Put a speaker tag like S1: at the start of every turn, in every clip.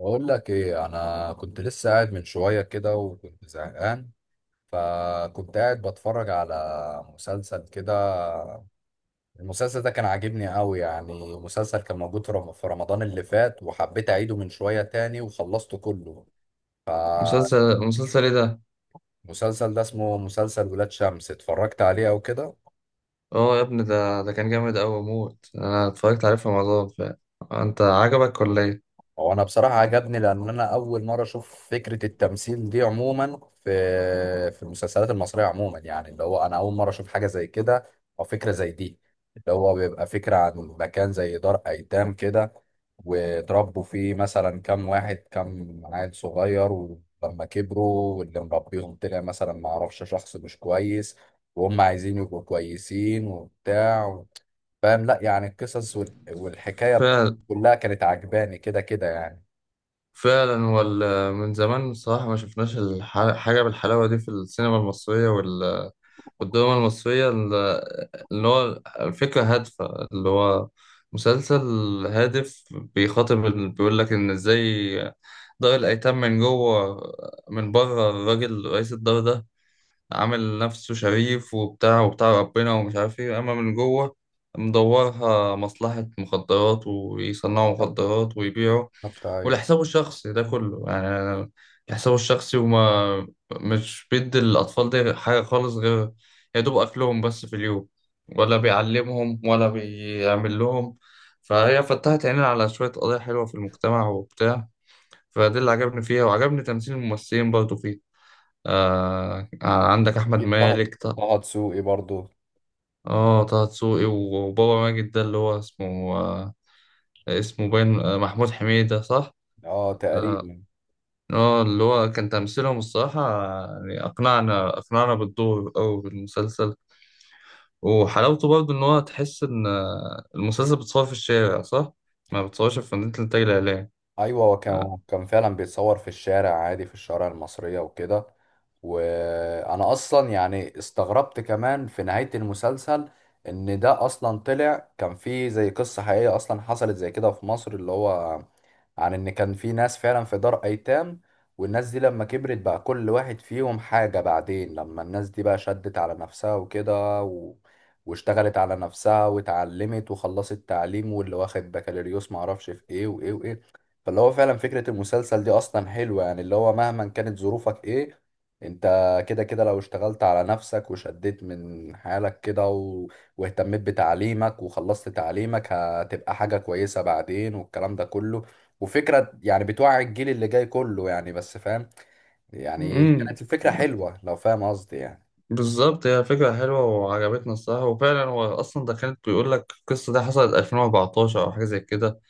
S1: بقول لك ايه، انا كنت لسه قاعد من شويه كده وكنت زهقان. فكنت قاعد بتفرج على مسلسل كده. المسلسل ده كان عاجبني قوي يعني. مسلسل كان موجود في في رمضان اللي فات، وحبيت اعيده من شويه تاني وخلصته كله. فالمسلسل
S2: مسلسل ايه ده؟
S1: ده اسمه مسلسل ولاد شمس، اتفرجت عليه او كده.
S2: اه يا ابني، ده كان جامد أوي موت. أنا اتفرجت عليه في رمضان فعلا. أنت عجبك ولا ايه؟
S1: هو انا بصراحه عجبني، لان انا اول مره اشوف فكره التمثيل دي عموما في المسلسلات المصريه عموما. يعني اللي هو انا اول مره اشوف حاجه زي كده او فكره زي دي. اللي هو بيبقى فكره عن مكان زي دار ايتام كده، وتربوا فيه مثلا كام واحد كام عيل صغير، ولما كبروا واللي مربيهم طلع مثلا ما اعرفش شخص مش كويس، وهم عايزين يبقوا كويسين وبتاع. فاهم؟ لا يعني القصص والحكاية
S2: فعلا،
S1: كلها كانت عجباني كده كده يعني.
S2: فعلا. هو من زمان الصراحة ما شفناش حاجة بالحلاوة دي في السينما المصرية والدراما المصرية اللي هو الفكرة هادفة. اللي هو مسلسل هادف بيخاطب بيقول لك إن إزاي دار الأيتام من جوه. من بره الراجل رئيس الدار ده عامل نفسه شريف وبتاع وبتاع ربنا ومش عارف ايه، اما من جوه مدورها مصلحة مخدرات ويصنعوا
S1: بالظبط.
S2: مخدرات ويبيعوا
S1: بالظبط، ايوه.
S2: ولحسابه الشخصي ده كله. يعني لحسابه الشخصي، وما مش بيدي الأطفال دي حاجة خالص غير يا دوب أكلهم بس في اليوم، ولا بيعلمهم ولا بيعمل لهم. فهي فتحت عينينا على شوية قضايا حلوة في المجتمع وبتاع. فده اللي عجبني فيها، وعجبني تمثيل الممثلين برضه فيها. آه، آه، عندك احمد
S1: اكيد طه.
S2: مالك
S1: طه دسوقي برضو.
S2: اه، طه دسوقي، وبابا ماجد ده اللي هو اسمه اسمه باين، محمود حميدة صح.
S1: اه تقريبا.
S2: اه، اللي هو كان تمثيلهم الصراحة، يعني اقنعنا بالدور او بالمسلسل. وحلاوته برضه ان هو تحس ان المسلسل بتصور في الشارع صح، ما بتصورش في مدينة الانتاج الاعلامي.
S1: ايوه، هو كان
S2: آه،
S1: هو كان فعلا بيتصور في الشارع عادي، في الشوارع المصريه وكده. وانا اصلا يعني استغربت كمان في نهايه المسلسل، ان ده اصلا طلع كان في زي قصه حقيقيه اصلا حصلت زي كده في مصر. اللي هو عن ان كان في ناس فعلا في دار ايتام، والناس دي لما كبرت بقى كل واحد فيهم حاجة. بعدين لما الناس دي بقى شدت على نفسها وكده، واشتغلت على نفسها واتعلمت وخلصت تعليم، واللي واخد بكالوريوس معرفش في ايه وايه وايه. فاللي هو فعلا فكرة المسلسل دي اصلا حلوة يعني. اللي هو مهما كانت ظروفك ايه، انت كده كده لو اشتغلت على نفسك وشديت من حالك كده، واهتميت بتعليمك وخلصت تعليمك، هتبقى حاجة كويسة بعدين، والكلام ده كله. وفكرة يعني بتوعي الجيل اللي جاي كله يعني، بس فاهم؟ يعني
S2: امم
S1: كانت الفكرة حلوة لو فاهم قصدي يعني.
S2: بالظبط، هي فكرة حلوة وعجبتنا الصراحة، وفعلا هو أصلا ده كانت بيقول لك القصة دي حصلت 2014 أو حاجة زي كده.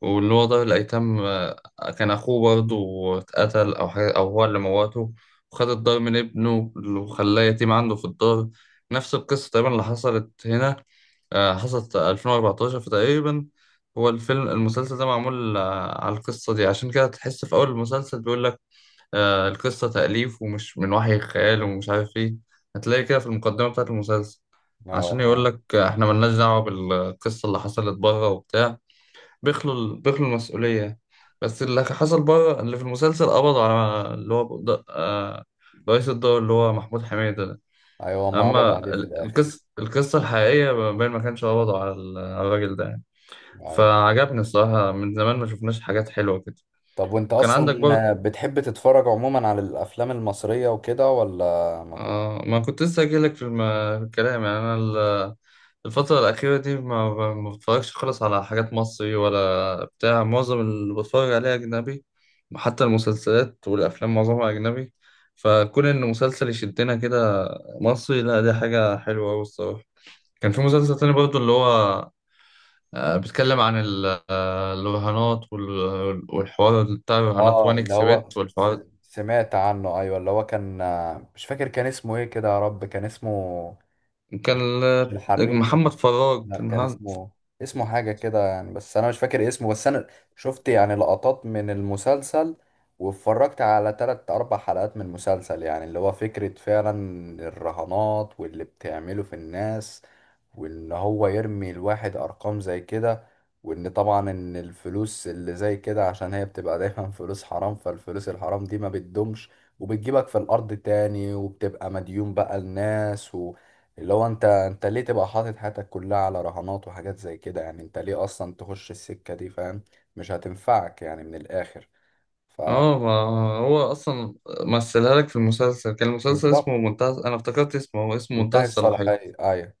S2: واللي هو ضابط الأيتام، كان أخوه برضه اتقتل أو حاجة، أو هو اللي موته. وخد الدار من ابنه وخلاه يتيم عنده في الدار. نفس القصة تقريبا اللي حصلت هنا. حصلت 2014 فتقريبا. هو الفيلم المسلسل ده معمول على القصة دي. عشان كده تحس في أول المسلسل بيقول لك القصة تأليف ومش من وحي الخيال ومش عارف إيه. هتلاقي كده في المقدمة بتاعة المسلسل.
S1: اه
S2: عشان يقول
S1: اه.
S2: لك إحنا ملناش دعوة بالقصة اللي حصلت بره وبتاع. بيخلوا المسؤولية. بس اللي حصل بره اللي في المسلسل قبضوا على اللي هو رئيس الدور اللي هو محمود حميدة ده.
S1: ايوه، ما قبض
S2: أما
S1: عليه في الاخر.
S2: القصة الحقيقية باين ما كانش قبضوا على على الراجل ده يعني.
S1: ايوه.
S2: فعجبني الصراحة، من زمان ما شفناش حاجات حلوة كده.
S1: طب وانت
S2: وكان عندك برضه.
S1: اصلا بتحب تتفرج عموما على الافلام المصرية وكده، ولا؟ ما كنت.
S2: آه، ما كنت لسه أجيلك في في الكلام. يعني أنا الفترة الأخيرة دي ما بتفرجش خالص على حاجات مصري ولا بتاع. معظم اللي بتفرج عليه أجنبي، حتى المسلسلات والأفلام معظمها أجنبي. فكون إن مسلسل يشدنا كده مصري، لا، دي حاجة حلوة أوي الصراحة. كان في مسلسل تاني برضه اللي هو بيتكلم عن الرهانات والحوار بتاع الرهانات،
S1: اه
S2: وان
S1: اللي
S2: اكس
S1: هو
S2: بت والحوار ده.
S1: سمعت عنه، ايوه، اللي هو كان. مش فاكر كان اسمه ايه كده، يا رب كان اسمه.
S2: كان
S1: مش الحريف.
S2: محمد فراج
S1: لا
S2: كان.
S1: كان اسمه حاجة كده يعني، بس أنا مش فاكر اسمه. بس أنا شفت يعني لقطات من المسلسل، واتفرجت على تلات أربع حلقات من المسلسل. يعني اللي هو فكرة فعلا الرهانات واللي بتعمله في الناس، وان هو يرمي الواحد ارقام زي كده. وان طبعا ان الفلوس اللي زي كده، عشان هي بتبقى دايما فلوس حرام، فالفلوس الحرام دي ما بتدومش وبتجيبك في الارض تاني، وبتبقى مديون بقى الناس اللي هو انت ليه تبقى حاطط حياتك كلها على رهانات وحاجات زي كده؟ يعني انت ليه اصلا تخش السكة دي؟ فاهم؟ مش هتنفعك يعني من الاخر.
S2: اه، ما هو اصلا مثلها لك في المسلسل. كان المسلسل اسمه
S1: فبالظبط.
S2: منتهى، انا افتكرت اسمه، هو اسمه منتهى
S1: منتهي
S2: الصلاحية.
S1: الصلاحية، ايوه.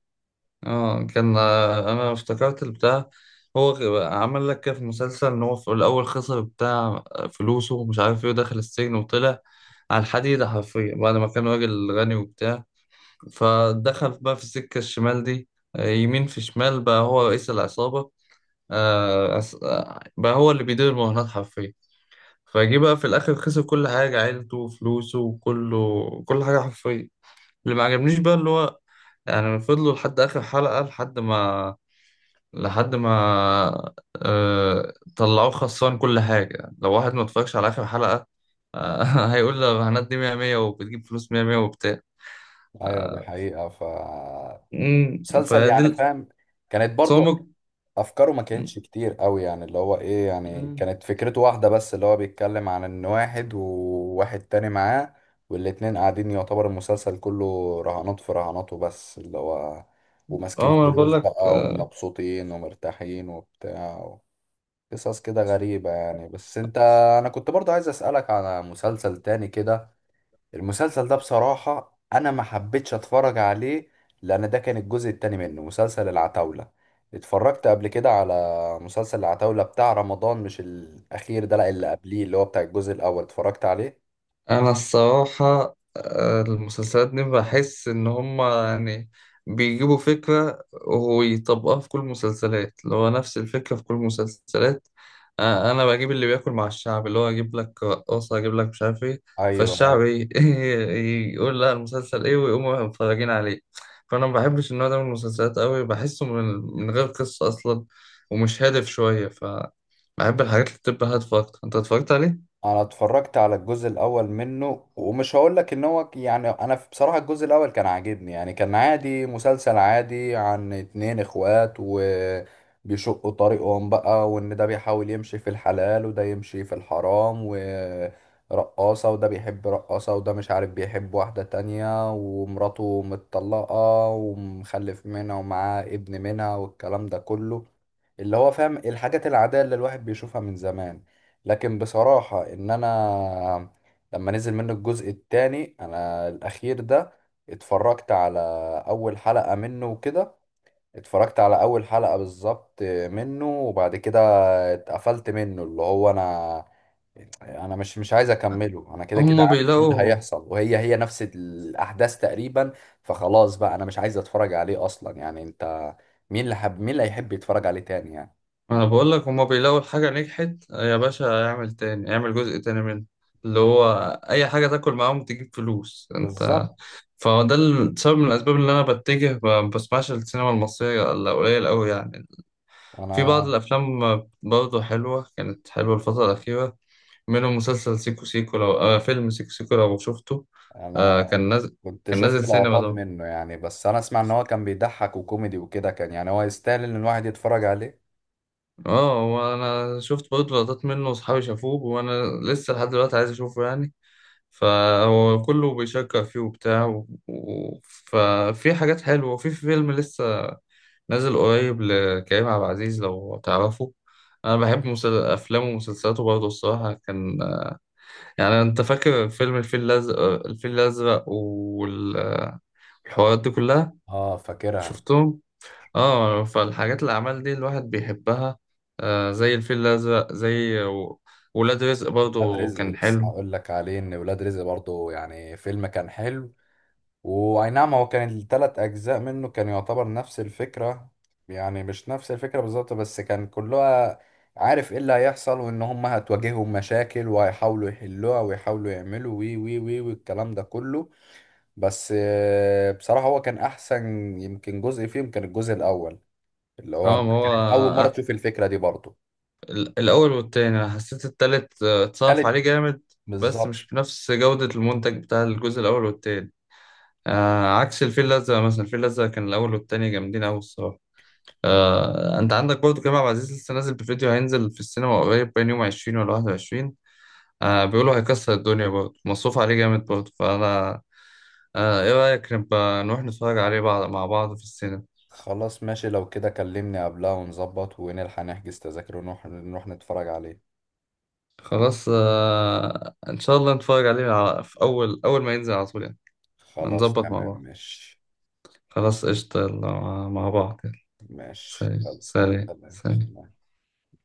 S2: اه، كان، انا افتكرت البتاع. هو عمل لك كده في المسلسل ان هو في الاول خسر بتاع فلوسه ومش عارف ايه، ودخل السجن وطلع على الحديدة حرفيا بعد ما كان راجل غني وبتاع. فدخل بقى في السكة الشمال دي. يمين في شمال، بقى هو رئيس العصابة. بقى هو اللي بيدير المهنات حرفيا. فجه بقى في الاخر خسر كل حاجه، عيلته وفلوسه وكله، كل حاجه حرفيا. اللي ما عجبنيش بقى اللي هو، يعني فضلوا لحد اخر حلقه لحد ما طلعوه خسران كل حاجه، لو واحد ما اتفرجش على اخر حلقه. آه... هيقول الرهانات دي 100 100 وبتجيب فلوس 100 100 وبتاع.
S1: ايوه دي
S2: آه،
S1: حقيقة. مسلسل يعني،
S2: فدي
S1: فاهم؟ كانت برضو
S2: التصامك.
S1: افكاره ما كانتش كتير قوي يعني. اللي هو ايه يعني،
S2: مم،
S1: كانت فكرته واحده بس، اللي هو بيتكلم عن ان واحد وواحد تاني معاه، والاتنين قاعدين يعتبر المسلسل كله رهانات في رهانات وبس. اللي هو وماسكين
S2: اه، ما انا بقول
S1: فلوس
S2: لك.
S1: بقى ومبسوطين ومرتاحين وبتاع. قصص كده غريبة يعني. بس انت، انا كنت برضه عايز اسألك على مسلسل تاني كده. المسلسل ده بصراحة أنا ما حبيتش أتفرج عليه، لأن ده كان الجزء التاني منه، مسلسل العتاولة. اتفرجت قبل كده على مسلسل العتاولة بتاع رمضان، مش الأخير ده لأ، اللي قبليه اللي هو بتاع الجزء الأول اتفرجت عليه.
S2: انا الصراحه، المسلسلات دي بحس ان هما يعني بيجيبوا فكره ويطبقوها في كل المسلسلات، اللي هو نفس الفكره في كل المسلسلات. انا بجيب اللي بياكل مع الشعب، اللي هو اجيب لك رقاصه، اجيب لك مش عارف ايه.
S1: أيوه.
S2: فالشعب ايه؟ يقول لا، المسلسل ايه، ويقوموا متفرجين عليه. فانا ما بحبش النوع ده من المسلسلات قوي، بحسه من غير قصه اصلا، ومش هادف شويه، ف بحب الحاجات اللي بتبقى هادفه اكتر. انت اتفرجت عليه؟
S1: انا اتفرجت على الجزء الاول منه، ومش هقول لك ان هو يعني انا بصراحة الجزء الاول كان عاجبني يعني. كان عادي، مسلسل عادي عن اتنين اخوات وبيشقوا طريقهم بقى، وان ده بيحاول يمشي في الحلال وده يمشي في الحرام ورقاصة، وده بيحب رقاصة وده مش عارف بيحب واحدة تانية، ومراته متطلقة ومخلف منها ومعاه ابن منها، والكلام ده كله. اللي هو فاهم الحاجات العادية اللي الواحد بيشوفها من زمان. لكن بصراحة ان انا لما نزل منه الجزء التاني، انا الاخير ده، اتفرجت على اول حلقة منه وكده. اتفرجت على اول حلقة بالظبط منه، وبعد كده اتقفلت منه. اللي هو انا، انا مش عايز اكمله. انا كده كده
S2: هما
S1: عارف ايه اللي
S2: بيلاقوا.
S1: هيحصل، وهي هي نفس الاحداث تقريبا. فخلاص بقى انا مش عايز اتفرج عليه اصلا يعني. انت مين اللي حب؟ مين اللي هيحب يتفرج عليه تاني يعني؟
S2: ما انا بقول لك، هما بيلاقوا الحاجة نجحت يا باشا، اعمل تاني، اعمل جزء تاني منها. اللي هو اي حاجة تاكل معاهم تجيب فلوس. انت.
S1: بالظبط.
S2: فده سبب من الاسباب اللي انا بتجه ما بسمعش السينما المصرية الا قليل قوي يعني. في بعض
S1: وانا،
S2: الافلام برضه حلوة، كانت حلوة الفترة الاخيرة، منهم مسلسل سيكو سيكو، لو فيلم سيكو سيكو لو شفته. آه،
S1: انا
S2: كان نازل
S1: كنت
S2: كان
S1: شفت
S2: نازل سينما
S1: لقطات
S2: ده.
S1: منه يعني، بس انا اسمع ان هو كان بيضحك وكوميدي وكده، كان يعني هو يستاهل ان الواحد يتفرج عليه.
S2: اه، وانا شفت برضه لقطات منه، واصحابي شافوه، وانا لسه لحد دلوقتي عايز اشوفه يعني. فهو كله بيشكر فيه وبتاع ففي حاجات حلوة. وفي فيلم لسه نازل قريب لكريم عبد العزيز لو تعرفه. أنا بحب أفلامه ومسلسلاته برضه الصراحة. كان، يعني، أنت فاكر فيلم الفيل الأزرق؟ الفيل الأزرق والحوارات دي كلها،
S1: اه فاكرها.
S2: شفتهم؟ اه، فالحاجات، الأعمال دي الواحد بيحبها. آه، زي الفيل الأزرق، زي ولاد رزق
S1: ولاد
S2: برضه
S1: رزق،
S2: كان
S1: لسه
S2: حلو.
S1: هقول لك عليه ان ولاد رزق برضه يعني فيلم كان حلو. واي نعم، هو كان الثلاث اجزاء منه كان يعتبر نفس الفكرة. يعني مش نفس الفكرة بالظبط، بس كان كلها عارف ايه اللي هيحصل، وان هم هتواجههم مشاكل وهيحاولوا يحلوها ويحاولوا يعملوا وي وي وي، والكلام ده كله. بس بصراحة هو كان أحسن. يمكن جزء فيهم كان الجزء الأول، اللي هو
S2: اه،
S1: أنت
S2: ما هو
S1: كانت أول مرة تشوف الفكرة دي برضه.
S2: الأول والتاني، أنا حسيت التالت اتصرف عليه
S1: تالت،
S2: جامد. بس
S1: بالظبط.
S2: مش بنفس جودة المنتج بتاع الجزء الأول والتاني. آه، عكس الفيل الأزرق مثلا، الفيل الأزرق كان الأول والتاني جامدين أوي الصراحة. آه، أنت عندك برضه كريم عبد العزيز لسه نازل بفيديو، هينزل في السينما قريب، بين يوم 20 ولا 21. آه، بيقولوا هيكسر الدنيا برضه، مصروف عليه جامد برضه. فأنا. آه، إيه رأيك نبقى نروح نتفرج عليه، بعض مع بعض، في السينما؟
S1: خلاص ماشي، لو كده كلمني قبلها ونظبط ونلحق نحجز تذاكر، ونروح نتفرج عليه.
S2: خلاص، آه، إن شاء الله نتفرج عليه في أول، أول ما ينزل، على طول يعني.
S1: خلاص
S2: هنظبط مع
S1: تمام،
S2: بعض.
S1: ماشي.
S2: خلاص قشطة، يلا، مع بعض، يلا.
S1: ماشي
S2: سلام،
S1: يلا.
S2: سلام، سلام.
S1: سلام.